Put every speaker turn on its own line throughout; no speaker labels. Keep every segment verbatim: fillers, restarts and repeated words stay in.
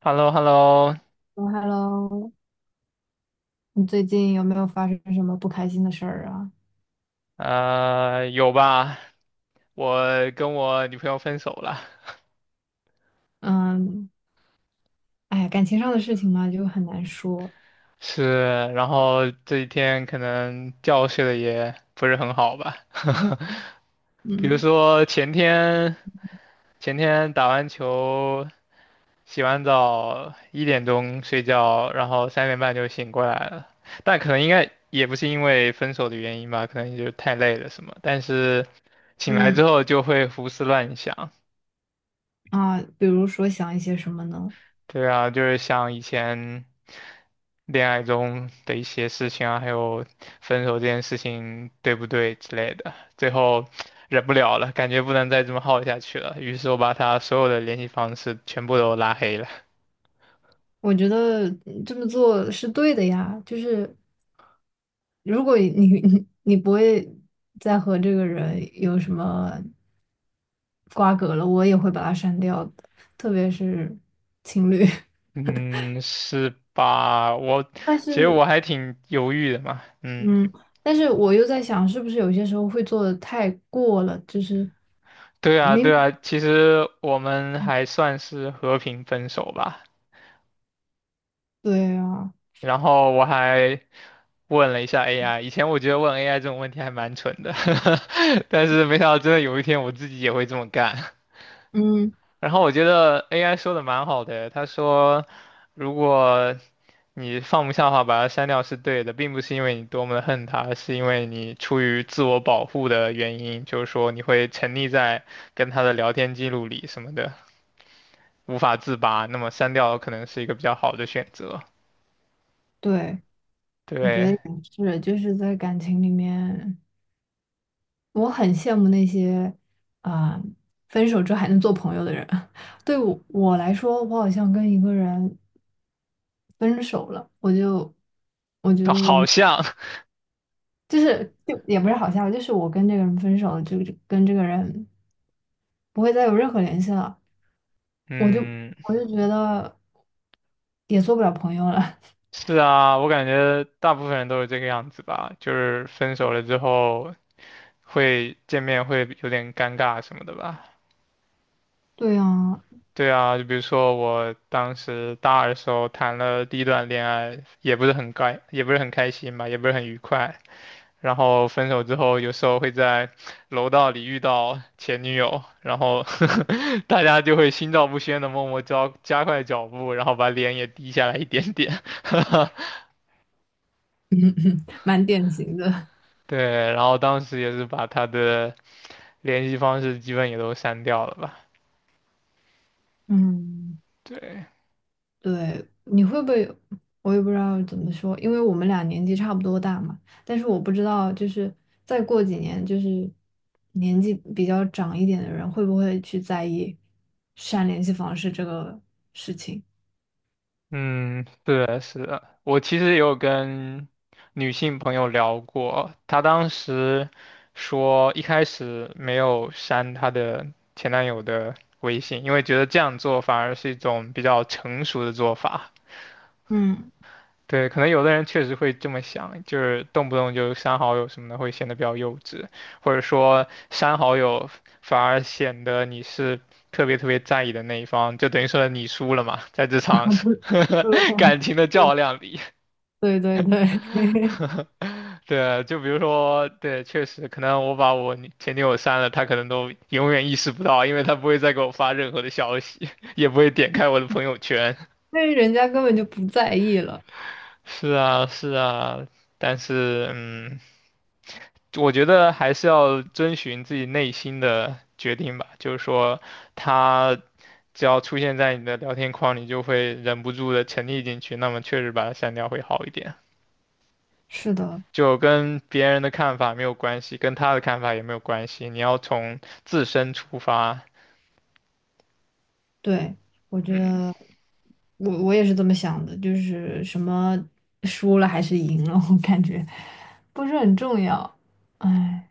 h e l l o h e l l o
h e l l o 你最近有没有发生什么不开心的事儿啊？
呃，有吧？我跟我女朋友分手了，
嗯，哎呀感情上的事情嘛，就很难说。
是，然后这几天可能觉睡的也不是很好吧，比如
嗯
说前天前天打完球，洗完澡一点钟睡觉，然后三点半就醒过来了，但可能应该也不是因为分手的原因吧，可能就是太累了什么，但是醒来之
嗯
后就会胡思乱想。
啊，比如说想一些什么呢？
对啊，就是像以前恋爱中的一些事情啊，还有分手这件事情对不对之类的，最后忍不了了，感觉不能再这么耗下去了，于是我把他所有的联系方式全部都拉黑了。
我觉得嗯这么做是对的呀，就是如果你你你不会再和这个人有什么瓜葛了，我也会把他删掉的，特别是情侣。
嗯，是吧？我
但
其实
是
我还挺犹豫的嘛。嗯，
嗯，但是我又在想，是不是有些时候会做的太过了，就是
对啊，
没，
对啊，其实我们还算是和平分手吧。
对啊，
然后我还问了一下 A I，以前我觉得问 A I 这种问题还蛮蠢的，但是没想到真的有一天我自己也会这么干。
嗯，
然后我觉得 A I 说的蛮好的，他说如果你放不下的话，把它删掉是对的，并不是因为你多么的恨它，是因为你出于自我保护的原因，就是说你会沉溺在跟他的聊天记录里什么的，无法自拔。那么删掉可能是一个比较好的选择。
对，我觉得
对，
也是，就是在感情里面，我很羡慕那些啊、分手之后还能做朋友的人。对我我来说，我好像跟一个人分手了，我就我觉得我
好
们
像
就是就也不是好像，就是我跟这个人分手了，就就跟这个人不会再有任何联系了。我就
嗯，
我就觉得也做不了朋友了。
是啊，我感觉大部分人都是这个样子吧，就是分手了之后会见面会有点尴尬什么的吧。
对呀，
对啊，就比如说我当时大二的时候谈了第一段恋爱，也不是很开，也不是很开心吧，也不是很愉快。然后分手之后，有时候会在楼道里遇到前女友，然后 大家就会心照不宣的默默加加快脚步，然后把脸也低下来一点点。
嗯蛮典型的。
对，然后当时也是把他的联系方式基本也都删掉了吧？
嗯
对，
对，你会不会有我也不知道怎么说，因为我们俩年纪差不多大嘛。但是我不知道，就是再过几年，就是年纪比较长一点的人，会不会去在意删联系方式这个事情？
嗯，对，是的，我其实也有跟女性朋友聊过，她当时说一开始没有删她的前男友的微信，因为觉得这样做反而是一种比较成熟的做法。
嗯，
对，可能有的人确实会这么想，就是动不动就删好友什么的，会显得比较幼稚，或者说删好友反而显得你是特别特别在意的那一方，就等于说你输了嘛，在这场 感情的较量里。
对对对对，对
对，就比如说，对，确实，可能我把我女前女友删了，她可能都永远意识不到，因为她不会再给我发任何的消息，也不会点开我的朋友圈。
因为人家根本就不在意了。
是啊，是啊，但是嗯，我觉得还是要遵循自己内心的决定吧。就是说，他只要出现在你的聊天框，你就会忍不住的沉溺进去，那么确实把他删掉会好一点。
是的，
就跟别人的看法没有关系，跟他的看法也没有关系，你要从自身出发。
对，我觉
嗯，
得我我也是这么想的，就是什么输了还是赢了，我感觉不是很重要。哎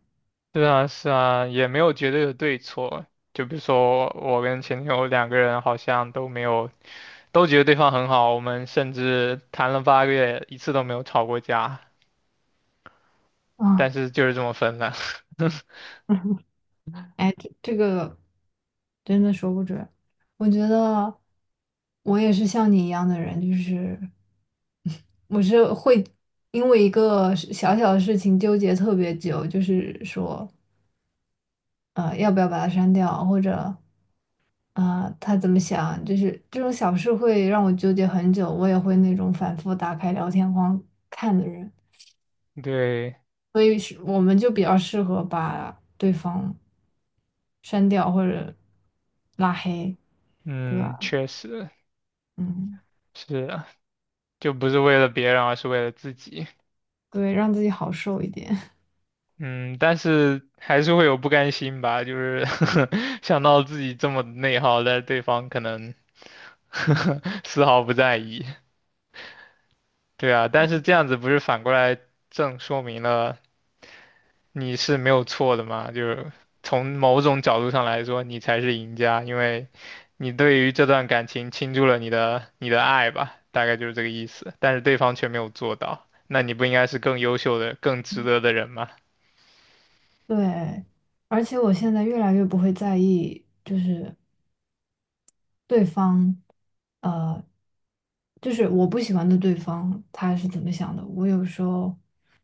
对啊，是啊，也没有绝对的对错。就比如说我跟前女友两个人好像都没有。都觉得对方很好，我们甚至谈了八个月，一次都没有吵过架，但
啊，
是就是这么分了。
哎，这这个真的说不准。我觉得我也是像你一样的人，就是 我是会因为一个事小小的事情纠结特别久，就是说呃要不要把它删掉，或者。啊、他怎么想？就是这种小事会让我纠结很久，我也会那种反复打开聊天框看的人，
对，
所以是我们就比较适合把对方删掉或者拉黑，对
嗯，
吧？
确实
嗯，
是啊就不是为了别人，而是为了自己。
对，让自己好受一点。
嗯，但是还是会有不甘心吧，就是 想到自己这么内耗，但对方可能 丝毫不在意。对啊，但是这样子不是反过来正说明了你是没有错的嘛，就是从某种角度上来说，你才是赢家，因为你对于这段感情倾注了你的你的爱吧，大概就是这个意思。但是对方却没有做到，那你不应该是更优秀的、更值得的人吗？
对，而且我现在越来越不会在意，就是对方，呃，就是我不喜欢的对方他是怎么想的，我有时候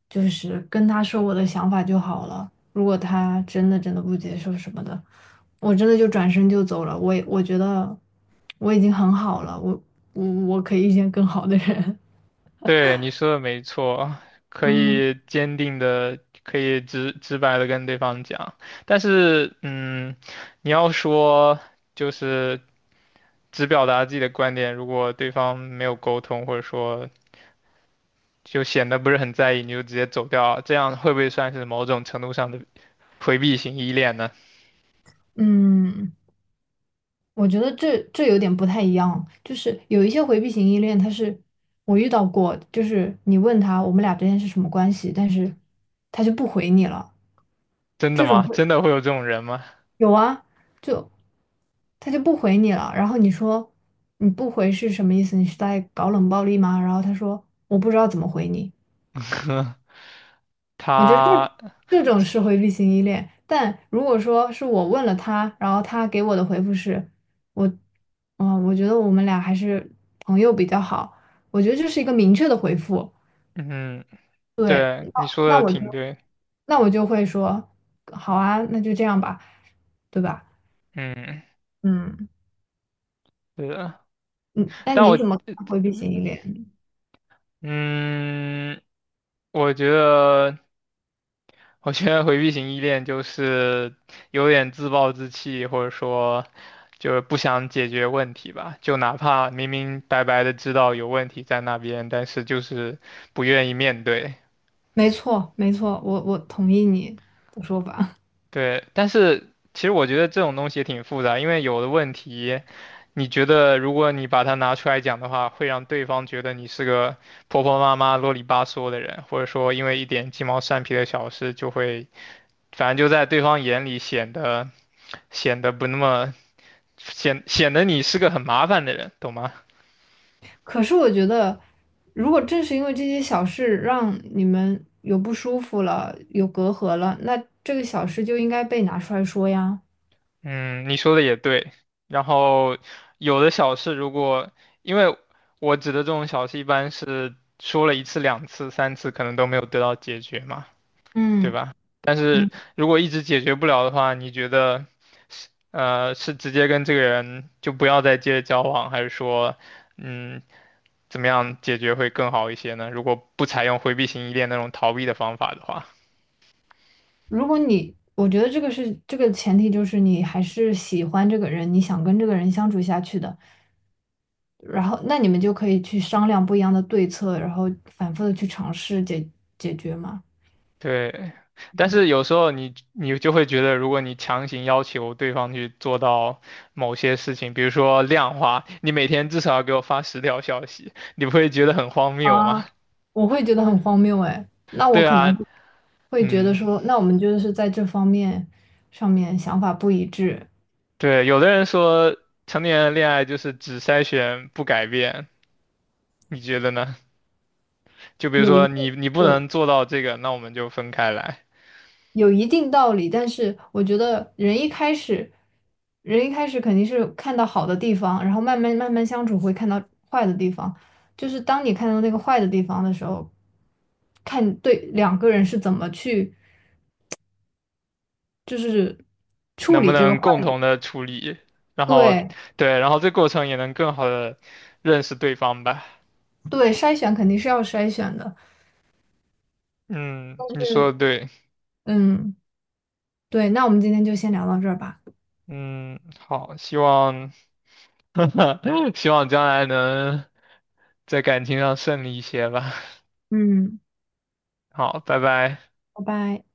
就是跟他说我的想法就好了。如果他真的真的不接受什么的，我真的就转身就走了。我也我觉得我已经很好了，我我我可以遇见更好的人。
对，你说的没错，可
嗯
以坚定的、可以直直白的跟对方讲，但是，嗯，你要说就是只表达自己的观点，如果对方没有沟通，或者说就显得不是很在意，你就直接走掉啊，这样会不会算是某种程度上的回避型依恋呢？
嗯，我觉得这这有点不太一样，就是有一些回避型依恋，他是我遇到过，就是你问他我们俩之间是什么关系，但是他就不回你了。
真的
这种
吗？
会
真的会有这种人吗？
有啊，就他就不回你了。然后你说你不回是什么意思？你是在搞冷暴力吗？然后他说我不知道怎么回你。我觉得这
他，
这种是回避型依恋，但如果说是我问了他，然后他给我的回复是我，嗯，我觉得我们俩还是朋友比较好。我觉得这是一个明确的回复。
嗯，
对，
对，你说
那
的
我
挺
就
对，
那我就会说好啊，那就这样吧，对吧？
嗯，
嗯
对的，
嗯，那
但我，
你怎么看回避型依恋？
嗯，嗯我觉得我觉得回避型依恋就是有点自暴自弃，或者说就是不想解决问题吧。就哪怕明明白白的知道有问题在那边，但是就是不愿意面对。
没错，没错，我我同意你的说法。
对，但是其实我觉得这种东西也挺复杂，因为有的问题，你觉得如果你把它拿出来讲的话，会让对方觉得你是个婆婆妈妈、啰里吧嗦的人，或者说因为一点鸡毛蒜皮的小事就会反正就在对方眼里显得显得不那么显显得你是个很麻烦的人，懂吗？
可是我觉得，如果正是因为这些小事让你们有不舒服了，有隔阂了，那这个小事就应该被拿出来说呀。
嗯，你说的也对。然后有的小事，如果因为我指的这种小事，一般是说了一次、两次、三次，可能都没有得到解决嘛，对
嗯
吧？但
嗯，
是如果一直解决不了的话，你觉得是呃是直接跟这个人就不要再接着交往，还是说嗯怎么样解决会更好一些呢？如果不采用回避型依恋那种逃避的方法的话，
如果你，我觉得这个是这个前提，就是你还是喜欢这个人，你想跟这个人相处下去的，然后那你们就可以去商量不一样的对策，然后反复的去尝试解解决嘛。
对。但是有时候你你就会觉得，如果你强行要求对方去做到某些事情，比如说量化，你每天至少要给我发十条消息，你不会觉得很荒谬吗？
啊，我会觉得很荒谬哎。那 我
对
可能
啊，
会会觉得
嗯，
说，那我们就是在这方面上面想法不一致，
对。有的人说成年人恋爱就是只筛选不改变，你觉得呢？就比如
有一
说你
定
你不
有
能做到这个，那我们就分开来。
有一定道理，但是我觉得人一开始，人一开始肯定是看到好的地方，然后慢慢慢慢相处会看到坏的地方。就是当你看到那个坏的地方的时候，看对两个人是怎么去就是处
能不
理这个
能
坏
共
的，
同的处理，然后
对
对，然后这过程也能更好的认识对方吧。
对，筛选肯定是要筛选的。
嗯，你说的
是。
对，
嗯，对，那我们今天就先聊到这儿吧，
嗯，好，希望 希望将来能在感情上顺利一些吧。
嗯，
好，拜拜。
拜拜。